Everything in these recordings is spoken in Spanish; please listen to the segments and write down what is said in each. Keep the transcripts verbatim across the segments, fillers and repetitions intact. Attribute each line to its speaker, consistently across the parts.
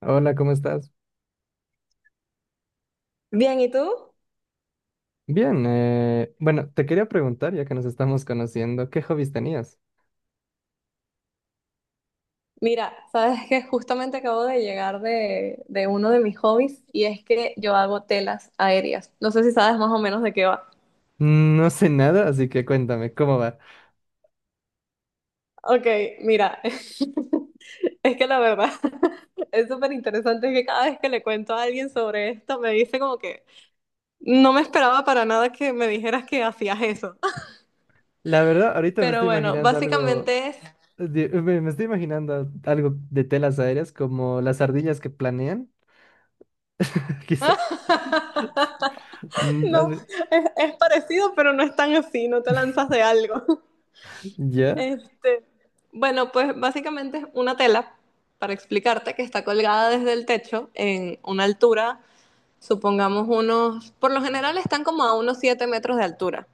Speaker 1: Hola, ¿cómo estás?
Speaker 2: Bien, ¿y tú?
Speaker 1: Bien, eh, bueno, te quería preguntar, ya que nos estamos conociendo, ¿qué hobbies tenías?
Speaker 2: Mira, sabes que justamente acabo de llegar de, de uno de mis hobbies y es que yo hago telas aéreas. No sé si sabes más o menos de qué va.
Speaker 1: Mm, No sé nada, así que cuéntame, ¿cómo va?
Speaker 2: Ok, mira, es que la verdad es súper interesante que cada vez que le cuento a alguien sobre esto me dice como que no me esperaba para nada que me dijeras que hacías eso.
Speaker 1: La verdad, ahorita me
Speaker 2: Pero
Speaker 1: estoy
Speaker 2: bueno,
Speaker 1: imaginando algo.
Speaker 2: básicamente es...
Speaker 1: De- me me estoy imaginando algo de telas aéreas, como las ardillas que planean, quizá. Mm,
Speaker 2: No,
Speaker 1: al-
Speaker 2: es, es parecido, pero no es tan así, no te lanzas de algo.
Speaker 1: Ya,
Speaker 2: Este, bueno, pues básicamente es una tela, para explicarte, que está colgada desde el techo en una altura, supongamos unos, por lo general están como a unos siete metros de altura.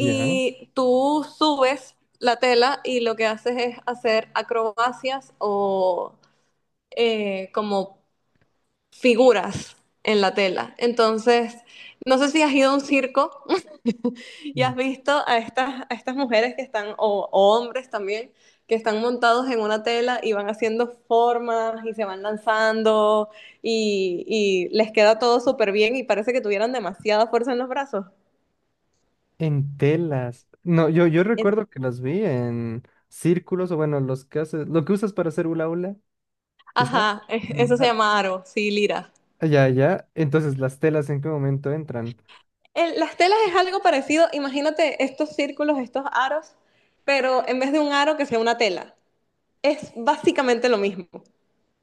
Speaker 1: ya.
Speaker 2: tú subes la tela y lo que haces es hacer acrobacias o eh, como figuras en la tela. Entonces, no sé si has ido a un circo y
Speaker 1: Mm.
Speaker 2: has visto a estas, a estas mujeres que están, o, o hombres también, que están montados en una tela y van haciendo formas y se van lanzando y, y les queda todo súper bien y parece que tuvieran demasiada fuerza en los brazos.
Speaker 1: En telas. No, yo, yo
Speaker 2: En-
Speaker 1: recuerdo que las vi en círculos, o bueno, los que haces, lo que usas para hacer hula hula, quizá.
Speaker 2: Ajá, e- eso se llama aro, sí, lira.
Speaker 1: Ya, ya. Entonces, ¿las telas en qué momento entran?
Speaker 2: El- las telas es algo parecido, imagínate estos círculos, estos aros, pero en vez de un aro que sea una tela. Es básicamente lo mismo.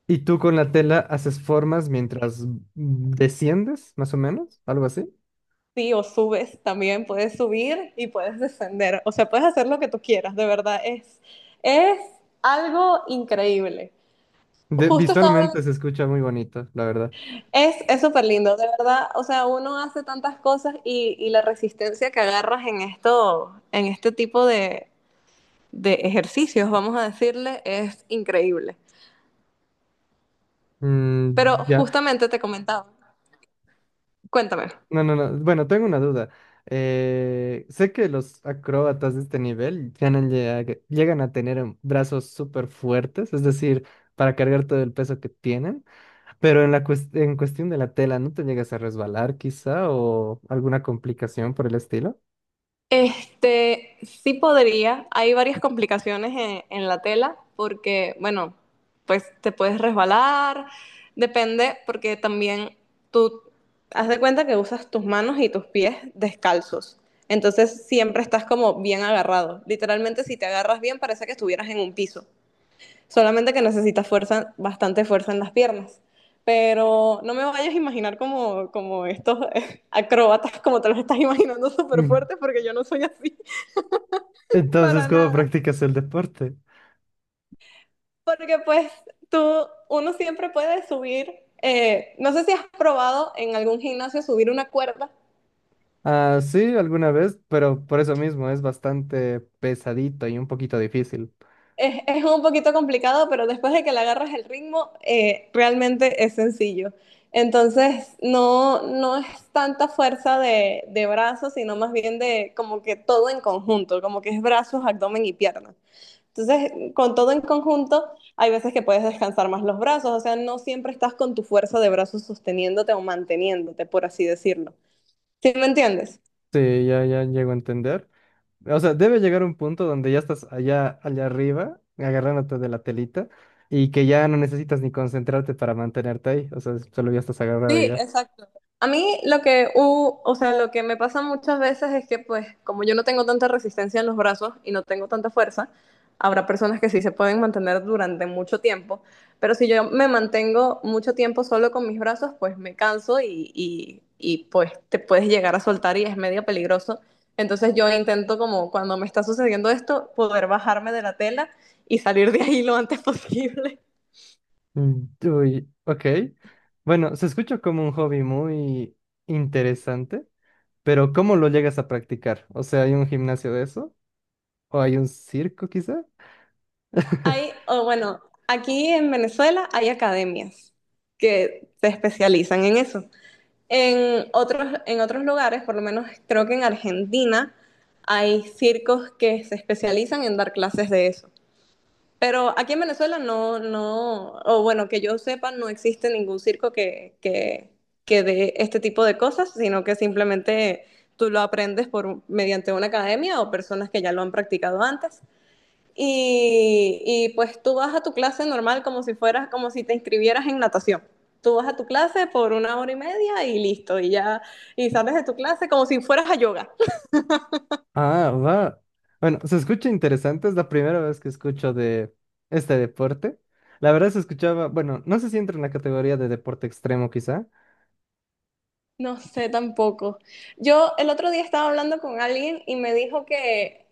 Speaker 1: ¿Y tú con la tela haces formas mientras desciendes, más o menos? ¿Algo así?
Speaker 2: Sí, o subes también, puedes subir y puedes descender. O sea, puedes hacer lo que tú quieras, de verdad. Es, es algo increíble.
Speaker 1: De-
Speaker 2: Justo estaba
Speaker 1: visualmente
Speaker 2: hablando-
Speaker 1: se escucha muy bonito, la verdad.
Speaker 2: Es, es súper lindo, de verdad. O sea, uno hace tantas cosas y, y la resistencia que agarras en esto, en este tipo de, de ejercicios, vamos a decirle, es increíble.
Speaker 1: Mm,
Speaker 2: Pero
Speaker 1: ya.
Speaker 2: justamente te comentaba, cuéntame.
Speaker 1: No, no, no. Bueno, tengo una duda. Eh, sé que los acróbatas de este nivel ganan- llega- llegan a tener em, brazos súper fuertes, es decir, para cargar todo el peso que tienen, pero en la cues- en cuestión de la tela, ¿no te llegas a resbalar quizá o alguna complicación por el estilo?
Speaker 2: Este, sí podría. Hay varias complicaciones en, en la tela porque, bueno, pues te puedes resbalar. Depende porque también tú haz de cuenta que usas tus manos y tus pies descalzos. Entonces siempre estás como bien agarrado. Literalmente si te agarras bien parece que estuvieras en un piso. Solamente que necesitas fuerza, bastante fuerza en las piernas. Pero no me vayas a imaginar como, como estos eh, acróbatas, como te los estás imaginando súper
Speaker 1: Mm.
Speaker 2: fuertes, porque yo no soy así
Speaker 1: Entonces,
Speaker 2: para
Speaker 1: ¿cómo
Speaker 2: nada.
Speaker 1: practicas el deporte?
Speaker 2: Porque pues tú, uno siempre puede subir, eh, no sé si has probado en algún gimnasio subir una cuerda.
Speaker 1: Ah, sí, alguna vez, pero por eso mismo es bastante pesadito y un poquito difícil.
Speaker 2: Es, es un poquito complicado, pero después de que le agarras el ritmo, eh, realmente es sencillo. Entonces, no, no es tanta fuerza de, de brazos, sino más bien de como que todo en conjunto, como que es brazos, abdomen y piernas. Entonces, con todo en conjunto, hay veces que puedes descansar más los brazos, o sea, no siempre estás con tu fuerza de brazos sosteniéndote o manteniéndote, por así decirlo. ¿Sí me entiendes?
Speaker 1: Sí, ya, ya llego a entender. O sea, debe llegar un punto donde ya estás allá, allá arriba, agarrándote de la telita, y que ya no necesitas ni concentrarte para mantenerte ahí. O sea, solo ya estás agarrado
Speaker 2: Sí,
Speaker 1: allá.
Speaker 2: exacto. A mí lo que, u, o sea, lo que me pasa muchas veces es que, pues, como yo no tengo tanta resistencia en los brazos y no tengo tanta fuerza, habrá personas que sí se pueden mantener durante mucho tiempo, pero si yo me mantengo mucho tiempo solo con mis brazos, pues me canso y, y, y pues te puedes llegar a soltar y es medio peligroso. Entonces yo intento como cuando me está sucediendo esto, poder bajarme de la tela y salir de ahí lo antes posible.
Speaker 1: Uy, ok. Bueno, se escucha como un hobby muy interesante, pero ¿cómo lo llegas a practicar? O sea, ¿hay un gimnasio de eso? ¿O hay un circo quizá?
Speaker 2: Hay, o bueno, aquí en Venezuela hay academias que se especializan en eso. En otros, en otros lugares, por lo menos creo que en Argentina, hay circos que se especializan en dar clases de eso. Pero aquí en Venezuela no, no, o bueno, que yo sepa, no existe ningún circo que, que, que dé este tipo de cosas, sino que simplemente tú lo aprendes por, mediante una academia o personas que ya lo han practicado antes y, y pues tú vas a tu clase normal como si fueras, como si te inscribieras en natación. Tú vas a tu clase por una hora y media y listo, y ya, y sales de tu clase como si fueras a yoga.
Speaker 1: Ah, va. Bueno, se escucha interesante, es la primera vez que escucho de este deporte. La verdad se escuchaba, bueno, no sé si entra en la categoría de deporte extremo quizá.
Speaker 2: No sé tampoco. Yo el otro día estaba hablando con alguien y me dijo que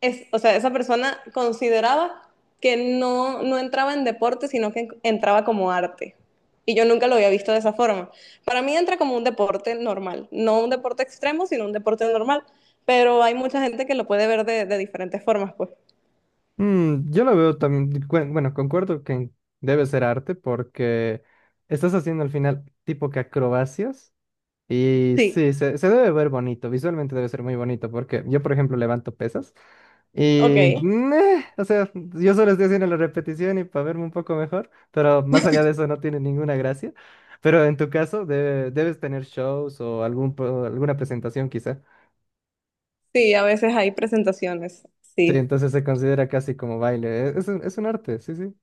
Speaker 2: es, o sea, esa persona consideraba que no, no entraba en deporte, sino que entraba como arte. Y yo nunca lo había visto de esa forma. Para mí entra como un deporte normal, no un deporte extremo, sino un deporte normal. Pero hay mucha gente que lo puede ver de, de diferentes formas, pues.
Speaker 1: Mm, yo lo veo también. Cuen- bueno, concuerdo que debe ser arte porque estás haciendo al final tipo que acrobacias. Y
Speaker 2: Sí,
Speaker 1: sí, se, se debe ver bonito, visualmente debe ser muy bonito, porque yo, por ejemplo, levanto pesas y,
Speaker 2: ok.
Speaker 1: meh, o sea, yo solo estoy haciendo la repetición y para verme un poco mejor, pero más allá de eso no tiene ninguna gracia. Pero en tu caso, debe- debes tener shows o algún, pro- alguna presentación quizá.
Speaker 2: Sí, a veces hay presentaciones.
Speaker 1: Sí,
Speaker 2: Sí,
Speaker 1: entonces se considera casi como baile. Es, es un es un arte, sí, sí.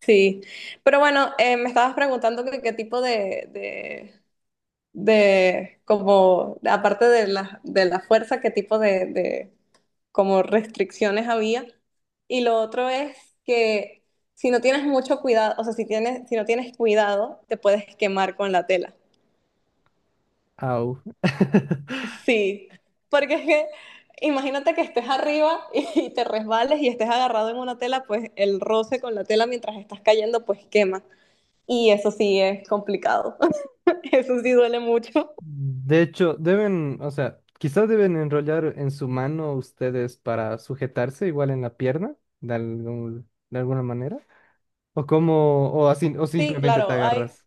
Speaker 2: sí. Pero bueno, eh, me estabas preguntando que qué tipo de, de como, aparte de la, de la fuerza, qué tipo de, de como restricciones había. Y lo otro es que si no tienes mucho cuidado, o sea, si tienes, si no tienes cuidado, te puedes quemar con la tela.
Speaker 1: Au.
Speaker 2: Sí, porque es que imagínate que estés arriba y te resbales y estés agarrado en una tela, pues el roce con la tela mientras estás cayendo, pues quema. Y eso sí es complicado. Eso sí duele mucho.
Speaker 1: De hecho, deben, o sea, quizás deben enrollar en su mano ustedes para sujetarse igual en la pierna, de algún- de alguna manera. O como, o así, o
Speaker 2: Sí,
Speaker 1: simplemente te
Speaker 2: claro, hay,
Speaker 1: agarras.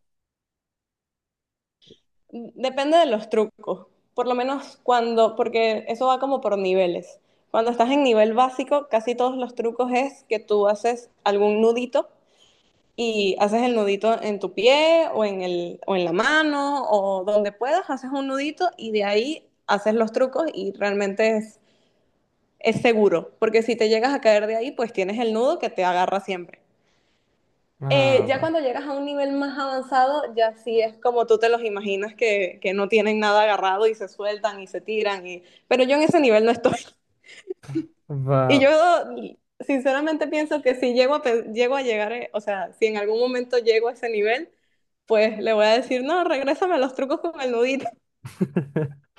Speaker 2: depende de los trucos. Por lo menos cuando, porque eso va como por niveles. Cuando estás en nivel básico, casi todos los trucos es que tú haces algún nudito y haces el nudito en tu pie o en, el, o en la mano o donde puedas, haces un nudito y de ahí haces los trucos y realmente es, es seguro, porque si te llegas a caer de ahí, pues tienes el nudo que te agarra siempre. Eh,
Speaker 1: Ah,
Speaker 2: ya
Speaker 1: va.
Speaker 2: cuando llegas a un nivel más avanzado, ya sí es como tú te los imaginas que, que no tienen nada agarrado y se sueltan y se tiran. Y... Pero yo en ese nivel no estoy.
Speaker 1: Ah,
Speaker 2: Y
Speaker 1: va.
Speaker 2: yo sinceramente pienso que si llego a, pe- llego a llegar, eh, o sea, si en algún momento llego a ese nivel, pues le voy a decir, no, regrésame a los trucos con el nudito.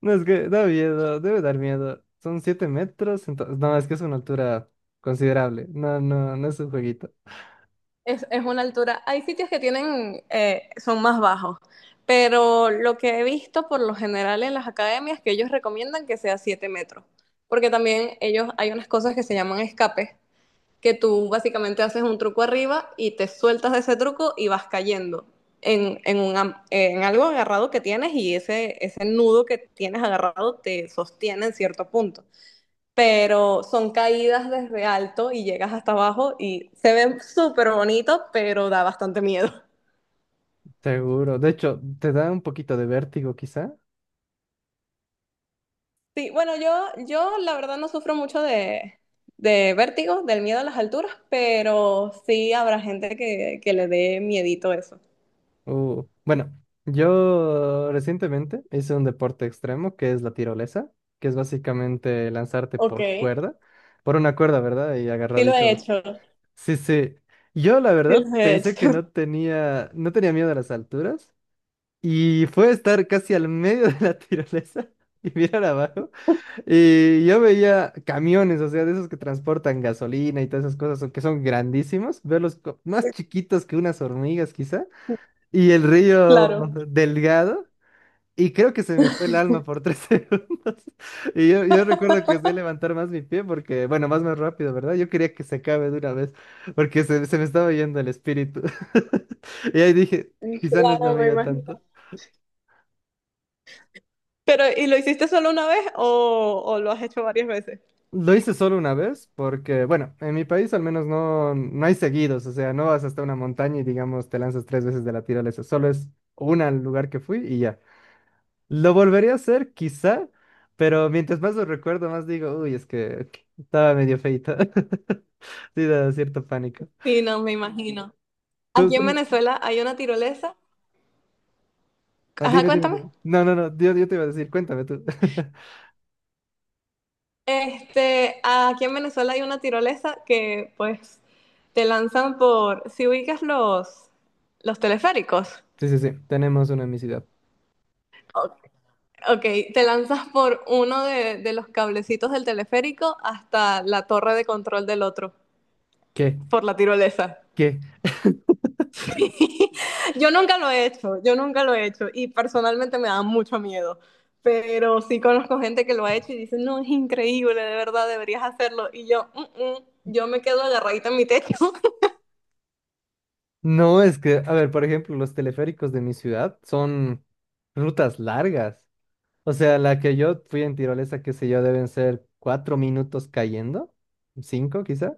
Speaker 1: No, es que da miedo, debe dar miedo. Son siete metros, entonces, no, es que es una altura considerable. No, no, no es un jueguito.
Speaker 2: Es, es una altura. Hay sitios que tienen, eh, son más bajos, pero lo que he visto por lo general en las academias que ellos recomiendan que sea siete metros, porque también ellos hay unas cosas que se llaman escapes, que tú básicamente haces un truco arriba y te sueltas de ese truco y vas cayendo en, en, un am- en algo agarrado que tienes y ese, ese nudo que tienes agarrado te sostiene en cierto punto, pero son caídas desde alto y llegas hasta abajo y se ven súper bonitos, pero da bastante miedo.
Speaker 1: Seguro. De hecho, te da un poquito de vértigo quizá.
Speaker 2: Sí, bueno, yo, yo la verdad no sufro mucho de, de vértigo, del miedo a las alturas, pero sí habrá gente que, que le dé miedito eso.
Speaker 1: Uh, bueno, yo recientemente hice un deporte extremo que es la tirolesa, que es básicamente lanzarte
Speaker 2: Ok,
Speaker 1: por
Speaker 2: sí
Speaker 1: cuerda, por una cuerda, ¿verdad? Y
Speaker 2: lo he
Speaker 1: agarradito.
Speaker 2: hecho,
Speaker 1: Sí, sí. Yo la
Speaker 2: sí
Speaker 1: verdad
Speaker 2: lo he
Speaker 1: pensé que
Speaker 2: hecho,
Speaker 1: no tenía, no tenía miedo a las alturas, y fue estar casi al medio de la tirolesa y mirar abajo y yo veía camiones, o sea, de esos que transportan gasolina y todas esas cosas, o que son grandísimos, verlos co- más chiquitos que unas hormigas quizá. Y el río
Speaker 2: claro,
Speaker 1: delgado. Y creo que se me fue el alma por tres segundos. Y yo, yo recuerdo que sé levantar más mi pie porque, bueno, más más rápido, ¿verdad? Yo quería que se acabe de una vez porque se, se me estaba yendo el espíritu. Y ahí dije, quizá no es lo
Speaker 2: claro, me
Speaker 1: mío tanto.
Speaker 2: imagino. Pero, ¿y lo hiciste solo una vez o, o lo has hecho varias veces?
Speaker 1: Lo hice solo una vez porque, bueno, en mi país al menos no, no hay seguidos, o sea, no vas hasta una montaña y digamos te lanzas tres veces de la tirolesa, solo es una al lugar que fui y ya. Lo volvería a hacer, quizá, pero mientras más lo recuerdo, más digo, uy, es que estaba medio feito. Sí, da cierto pánico.
Speaker 2: Sí, no, me imagino.
Speaker 1: Tú,
Speaker 2: Aquí
Speaker 1: tú,
Speaker 2: en
Speaker 1: me-
Speaker 2: Venezuela hay una tirolesa.
Speaker 1: ah,
Speaker 2: Ajá,
Speaker 1: dime, dime,
Speaker 2: cuéntame.
Speaker 1: dime. No, no, no, yo, yo te iba a decir, cuéntame tú.
Speaker 2: Este, aquí en Venezuela hay una tirolesa que pues te lanzan por, si ubicas los, los teleféricos,
Speaker 1: Sí, sí, sí, tenemos una en mi ciudad.
Speaker 2: o- ok, te lanzas por uno de, de los cablecitos del teleférico hasta la torre de control del otro,
Speaker 1: ¿Qué?
Speaker 2: por la tirolesa.
Speaker 1: ¿Qué?
Speaker 2: Yo nunca lo he hecho, yo nunca lo he hecho y personalmente me da mucho miedo, pero sí conozco gente que lo ha hecho y dice, no, es increíble, de verdad, deberías hacerlo. Y yo, "Mm, mm, yo me quedo agarradita en mi techo."
Speaker 1: No, es que, a ver, por ejemplo, los teleféricos de mi ciudad son rutas largas. O sea, la que yo fui en tirolesa, qué sé yo, deben ser cuatro minutos cayendo, cinco quizá.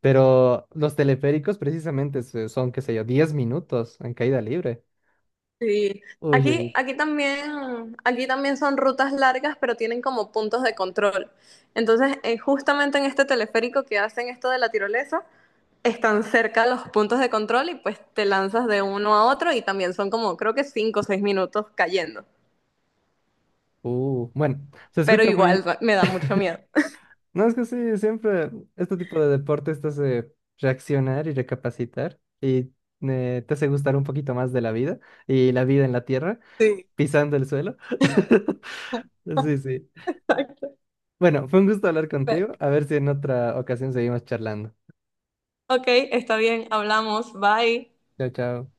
Speaker 1: Pero los teleféricos precisamente se- son, qué sé yo, diez minutos en caída libre.
Speaker 2: Sí,
Speaker 1: Uy,
Speaker 2: aquí,
Speaker 1: uy,
Speaker 2: aquí también, aquí también son rutas largas, pero tienen como puntos de control. Entonces, eh, justamente en este teleférico que hacen esto de la tirolesa, están cerca los puntos de control y pues te lanzas de uno a otro y también son como creo que cinco o seis minutos cayendo.
Speaker 1: uh. Bueno, se
Speaker 2: Pero
Speaker 1: escucha
Speaker 2: igual
Speaker 1: muy...
Speaker 2: me da mucho miedo.
Speaker 1: No, es que sí, siempre este tipo de deportes te hace reaccionar y recapacitar y eh, te hace gustar un poquito más de la vida y la vida en la tierra,
Speaker 2: Sí.
Speaker 1: pisando el suelo. Sí, sí. Bueno, fue un gusto hablar contigo. A ver si en otra ocasión seguimos charlando.
Speaker 2: Ok, está bien, hablamos, bye.
Speaker 1: Chao, chao.